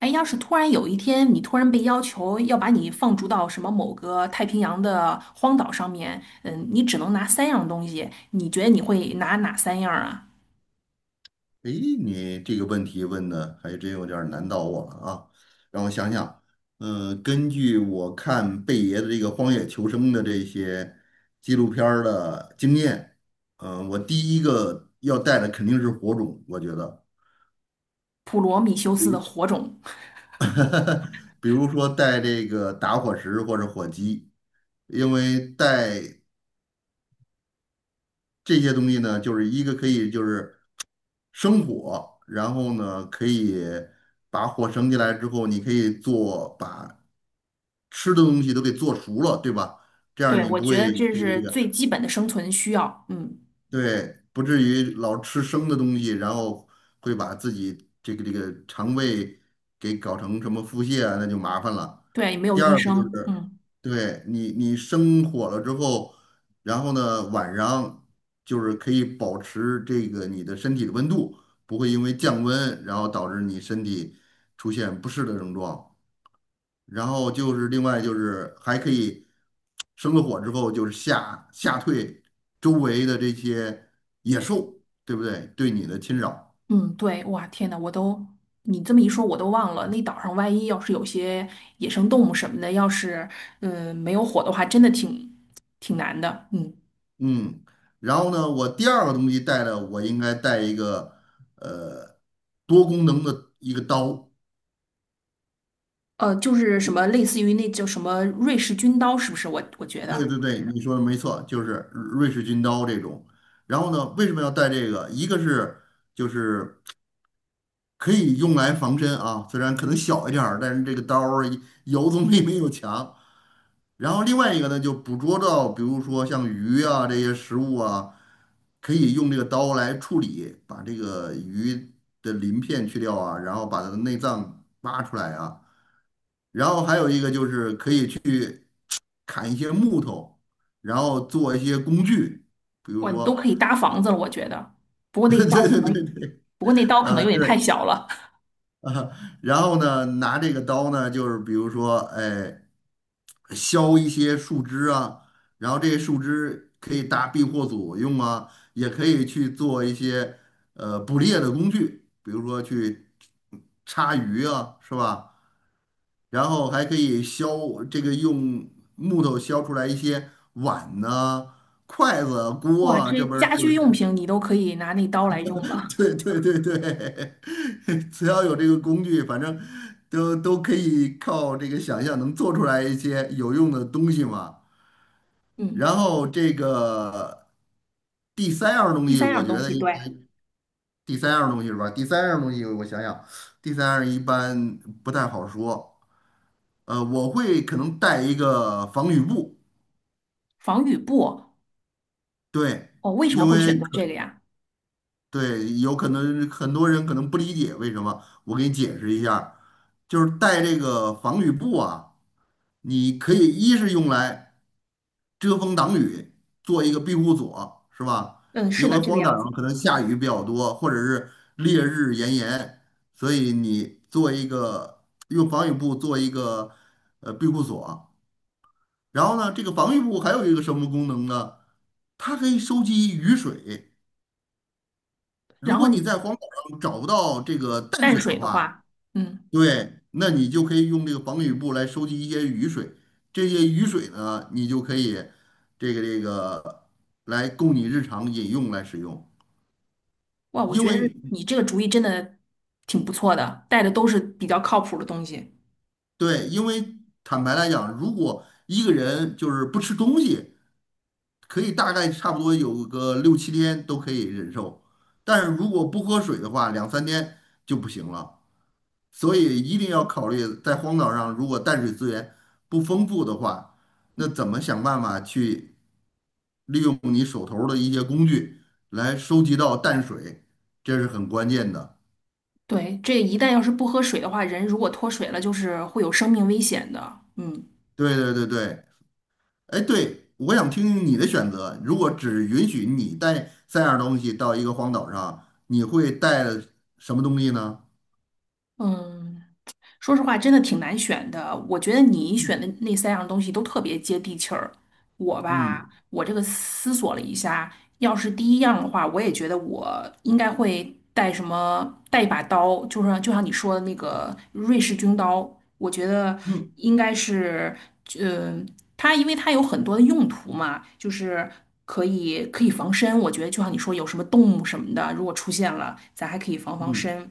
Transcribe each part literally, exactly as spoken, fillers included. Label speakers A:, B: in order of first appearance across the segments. A: 哎，要是突然有一天你突然被要求要把你放逐到什么某个太平洋的荒岛上面，嗯，你只能拿三样东西，你觉得你会拿哪三样啊？
B: 诶，你这个问题问的还真有点儿难倒我了啊！让我想想，嗯、根据我看贝爷的这个《荒野求生》的这些纪录片儿的经验，嗯、我第一个要带的肯定是火种，我觉得，
A: 普罗米修斯的火种。
B: 比如说带这个打火石或者火机。因为带这些东西呢，就是一个可以就是生火，然后呢，可以把火升起来之后，你可以做把吃的东西都给做熟了，对吧？这样
A: 对，
B: 你
A: 我
B: 不
A: 觉得
B: 会
A: 这
B: 这个
A: 是
B: 这个
A: 最基本的生存需要。嗯，
B: 对，不至于老吃生的东西，然后会把自己这个这个肠胃给搞成什么腹泻啊，那就麻烦了。
A: 对，没有
B: 第
A: 医
B: 二个就
A: 生。
B: 是，
A: 嗯
B: 对，你你生火了之后，然后呢晚上就是可以保持这个你的身体的温度，不会因为降温然后导致你身体出现不适的症状。然后就是另外就是还可以生了火之后就是吓吓退周围的这些野兽，对不对？对你的侵扰，
A: 嗯，对。哇，天呐，我都你这么一说，我都忘了，那岛上万一要是有些野生动物什么的，要是嗯没有火的话，真的挺挺难的。嗯。
B: 嗯。然后呢，我第二个东西带的我应该带一个呃多功能的一个刀。
A: 呃，就是什么类似于那叫什么瑞士军刀，是不是？我我觉
B: 对
A: 得，
B: 对对，你说的没错，就是瑞士军刀这种。然后呢，为什么要带这个？一个是就是可以用来防身啊，虽然可能小一点儿，但是这个刀儿有总比 没有强。然后另外一个呢，就捕捉到，比如说像鱼啊这些食物啊，可以用这个刀来处理，把这个鱼的鳞片去掉啊，然后把它的内脏挖出来啊。然后还有一个就是可以砍一些木头，然后做一些工具，比如
A: 哇，你都
B: 说，
A: 可以搭房子了，我觉得。不过 那
B: 对
A: 刀可
B: 对对
A: 能，
B: 对，
A: 不过那刀可能
B: 啊、
A: 有点太
B: 对，
A: 小了。
B: 然后呢，拿这个刀呢，就是比如说，哎，削一些树枝啊，然后这些树枝可以搭避祸所用啊，也可以去做一些呃捕猎的工具，比如说去叉鱼啊，是吧？然后还可以削这个用木头削出来一些碗呐、筷子、锅
A: 哇，
B: 啊，
A: 这
B: 这不是
A: 家
B: 就
A: 居用
B: 是。
A: 品你都可以拿那刀来用了。
B: 对对对对，只要有这个工具，反正都都可以靠这个想象能做出来一些有用的东西嘛。
A: 嗯，
B: 然后这个第三样东
A: 第
B: 西，
A: 三
B: 我
A: 样
B: 觉
A: 东
B: 得
A: 西，
B: 应
A: 对。
B: 该第三样东西是吧？第三样东西我想想，第三样一般不太好说。呃，我会可能带一个防雨布，
A: 防雨布。
B: 对，
A: 哦，为什么
B: 因
A: 会
B: 为
A: 选择这个呀？
B: 对，有可能很多人可能不理解为什么，我给你解释一下儿就是带这个防雨布啊，你可以一是用来遮风挡雨，做一个庇护所，是吧？
A: 嗯，是
B: 因
A: 的，
B: 为
A: 这个
B: 荒岛
A: 样
B: 上
A: 子。
B: 可能下
A: 嗯，
B: 雨比较多，或者是烈日炎炎，所以你做一个用防雨布做一个呃庇护所。然后呢，这个防雨布还有一个什么功能呢？它可以收集雨水。如
A: 然后
B: 果你
A: 你
B: 在荒岛上找不到这个淡
A: 淡
B: 水的
A: 水的
B: 话，
A: 话，嗯。
B: 对，那你就可以用这个防雨布来收集一些雨水，这些雨水呢，你就可以这个这个来供你日常饮用来使用。
A: 哇，我
B: 因
A: 觉得
B: 为
A: 你这个主意真的挺不错的，带的都是比较靠谱的东西。
B: 对，因为坦白来讲，如果一个人就是不吃东西，可以大概差不多有个六七天都可以忍受，但是如果不喝水的话，两三天就不行了。所以一定要考虑，在荒岛上如果淡水资源不丰富的话，那怎么想办法去利用你手头儿的一些工具来收集到淡水，这是很关键的。
A: 对，这一旦要是不喝水的话，人如果脱水了，就是会有生命危险的。嗯。
B: 对对对对，哎，对，我想听听你的选择。如果只允许你带三样东西到一个荒岛上，你会带什么东西呢？
A: 嗯。说实话，真的挺难选的。我觉得你选的那三样东西都特别接地气儿。我吧，
B: 嗯
A: 我这个思索了一下，要是第一样的话，我也觉得我应该会带什么，带一把刀，就是就像你说的那个瑞士军刀，我觉得
B: 嗯
A: 应该是，嗯、它因为它有很多的用途嘛，就是可以可以防身。我觉得就像你说，有什么动物什么的，如果出现了，咱还可以防防
B: 嗯。
A: 身。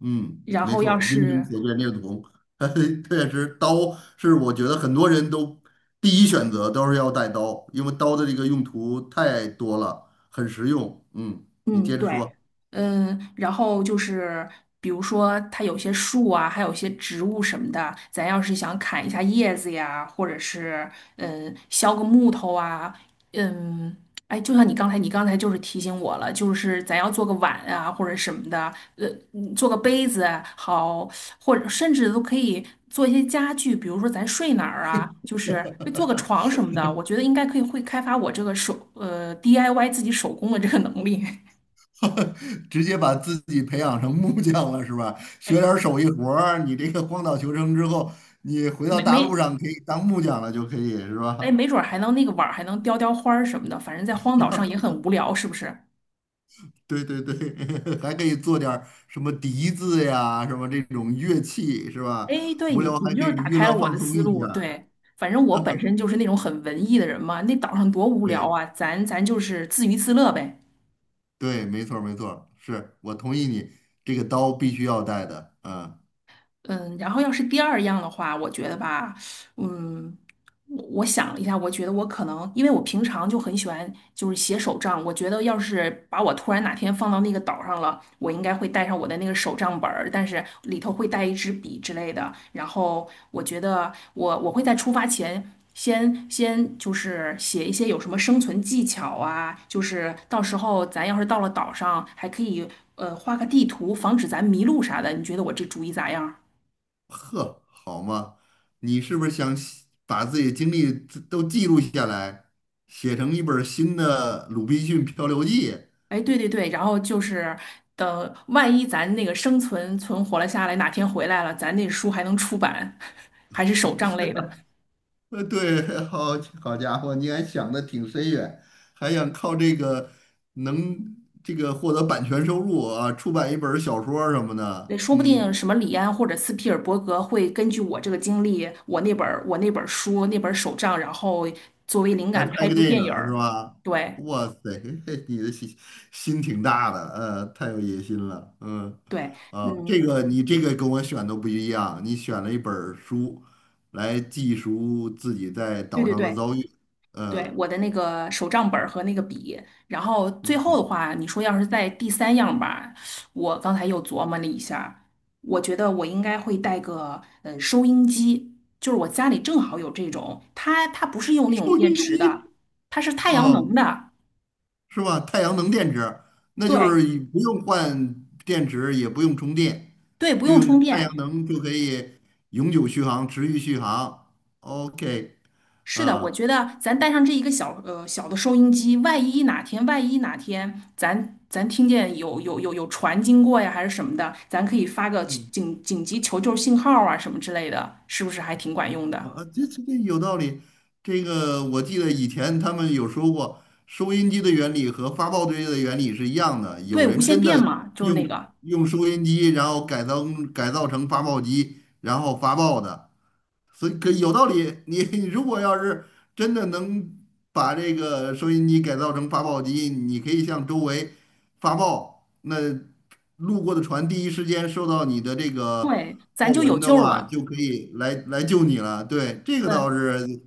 B: 嗯，
A: 然
B: 没
A: 后
B: 错
A: 要
B: 儿，英雄
A: 是
B: 所见略同。确实，刀是我觉得很多人都第一选择都是要带刀，因为刀的这个用途太多了，很实用。嗯，你
A: 嗯，
B: 接着
A: 对。
B: 说，
A: 嗯，然后就是比如说它有些树啊，还有些植物什么的，咱要是想砍一下叶子呀，或者是嗯削个木头啊，嗯，哎，就像你刚才，你刚才就是提醒我了，就是咱要做个碗啊或者什么的，呃，嗯做个杯子好，或者甚至都可以做一些家具，比如说咱睡哪儿啊，就是做个床什么的，我觉得应该可以会开发我这个手呃 D I Y 自己手工的这个能力。
B: 直接把自己培养成木匠了是吧？学
A: 哎，
B: 点儿手艺活儿，你这个荒岛求生之后，你回到
A: 没
B: 大陆
A: 没，
B: 上可以当木匠了，就可以是
A: 哎，
B: 吧？
A: 没准儿还能那个碗儿还能雕雕花儿什么的，反正在荒岛上也很无聊，是不是？
B: 对对对，还可以做点儿什么笛子呀，什么这种乐器是吧？
A: 哎，对
B: 无
A: 你，
B: 聊
A: 你
B: 还可
A: 就
B: 以
A: 是打
B: 娱
A: 开了
B: 乐
A: 我
B: 放
A: 的
B: 松
A: 思
B: 一
A: 路。
B: 下儿。
A: 对，反正我本身就是那种很文艺的人嘛，那岛上多无聊
B: 对
A: 啊，咱咱就是自娱自乐呗。
B: 对，没错儿没错儿是我同意你，这个刀必须要带的。嗯，
A: 嗯，然后要是第二样的话，我觉得吧，嗯，我我想了一下，我觉得我可能，因为我平常就很喜欢就是写手账，我觉得要是把我突然哪天放到那个岛上了，我应该会带上我的那个手账本儿，但是里头会带一支笔之类的。然后我觉得我我会在出发前先先就是写一些有什么生存技巧啊，就是到时候咱要是到了岛上，还可以呃画个地图，防止咱迷路啥的。你觉得我这主意咋样？
B: 呵，好嘛，你是不是想写把自己的经历都记录下来，写成一本儿新的《鲁滨逊漂流记》？
A: 哎，对对对，然后就是等万一咱那个生存存活了下来，哪天回来了，咱那书还能出版，还是手账类的。
B: 呃，对，好好家伙，你还想的挺深远，还想靠这个能这个获得版权收入啊，出版一本儿小说儿什么的，
A: 对说不
B: 嗯，
A: 定什么李安或者斯皮尔伯格会根据我这个经历，我那本儿我那本儿书那本儿手账，然后作为灵
B: 来
A: 感
B: 拍
A: 拍
B: 个
A: 部
B: 电
A: 电
B: 影
A: 影
B: 儿是
A: 儿。
B: 吧？
A: 对
B: 哇塞，嘿嘿你的心心挺大的，呃，太有野心了，嗯，
A: 对。
B: 啊，
A: 嗯，
B: 这个你这个跟我选的不一样，你选了一本儿书来记述自己在
A: 对
B: 岛
A: 对
B: 上的
A: 对。
B: 遭遇，
A: 对，
B: 呃，
A: 我的那个手账本儿和那个笔，然后最后的
B: 嗯，
A: 话，你说要是在第三样吧，我刚才又琢磨了一下儿我觉得我应该会带个呃收音机，就是我家里正好有这种，它它不是用那种
B: 收
A: 电
B: 益
A: 池
B: 低
A: 的，它是太阳能
B: 哦。
A: 的，
B: 是吧？太阳能电池，那就
A: 对
B: 是不用换电池，也不用充电，
A: 对，不
B: 就
A: 用充
B: 用太阳
A: 电，
B: 能就可以永久续航、持续续航。OK,
A: 是的，我
B: 啊，
A: 觉得咱带上这一个小呃小的收音机，万一哪天万一哪天咱咱听见有有有有船经过呀，还是什么的，咱可以发个
B: 嗯，
A: 紧紧急求救信号啊什么之类的，是不是还挺管用的？
B: 啊，这这这有道理。这个我记得以前他们有说过，收音机的原理和发报机的原理是一样的。有
A: 对，无
B: 人
A: 线
B: 真
A: 电
B: 的
A: 嘛，就是那
B: 用
A: 个，
B: 用收音机，然后改造改造成发报机，然后发报的。所以可有道理。你你 如果要是真的能把这个收音机改造成发报机，你可以向周围发报，那路过的船第一时间收到你的这个
A: 对，咱
B: 报
A: 就有
B: 文的
A: 救
B: 话，
A: 了。
B: 就可以来来救你了。对，这个倒
A: 嗯。
B: 是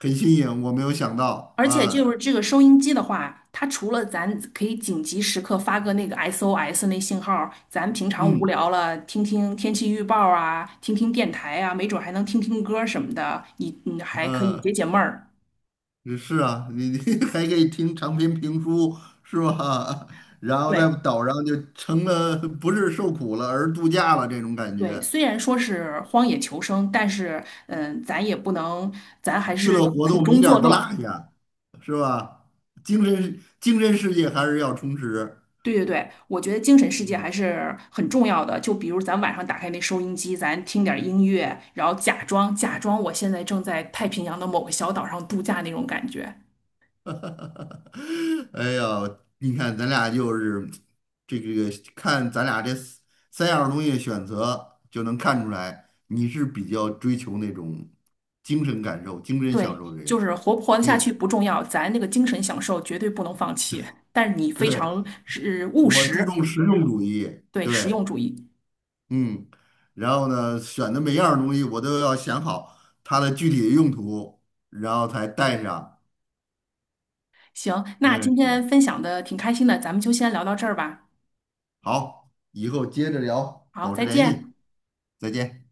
B: 很新颖，我没有想到
A: 而且就
B: 啊。
A: 是这个收音机的话，它除了咱可以紧急时刻发个那个 S O S 那信号，咱平常无
B: 嗯
A: 聊了听听天气预报啊，听听电台啊，没准还能听听歌什么的，你你还可以解
B: 呃。
A: 解闷儿。
B: 也是啊，你你 还可以听长篇评书是吧？然后在
A: 对
B: 岛上就成了不是受苦了，而度假了这种感
A: 对，
B: 觉，
A: 虽然说是荒野求生，但是嗯，咱也不能，咱还
B: 娱
A: 是
B: 乐活
A: 苦
B: 动一
A: 中
B: 点
A: 作
B: 儿不落
A: 乐。
B: 下，是吧？精神精神世界还是要充实。
A: 对对对，我觉得精神世界还
B: 嗯，
A: 是很重要的。就比如咱晚上打开那收音机，咱听点儿音乐，然后假装假装我现在正在太平洋的某个小岛上度假那种感觉。
B: 哎呀，你看咱俩就是这个，看咱俩这三三样东西选择，就能看出来你是比较追求那种精神感受、精神享
A: 对，
B: 受的
A: 就
B: 人。
A: 是活不活得下
B: 对。
A: 去不重要，咱那个精神享受绝对不能放弃。但是你非
B: 对，
A: 常是务
B: 我注
A: 实，
B: 重实用主义，
A: 对，实
B: 对，
A: 用主义。
B: 嗯，然后呢，选的每样东西我都要想好它的具体的用途，然后才带上。
A: 行，那
B: 嗯，
A: 今天分享的挺开心的，咱们就先聊到这儿吧。
B: 好，以后接着聊，
A: 好，
B: 保持
A: 再
B: 联系，
A: 见。
B: 再见。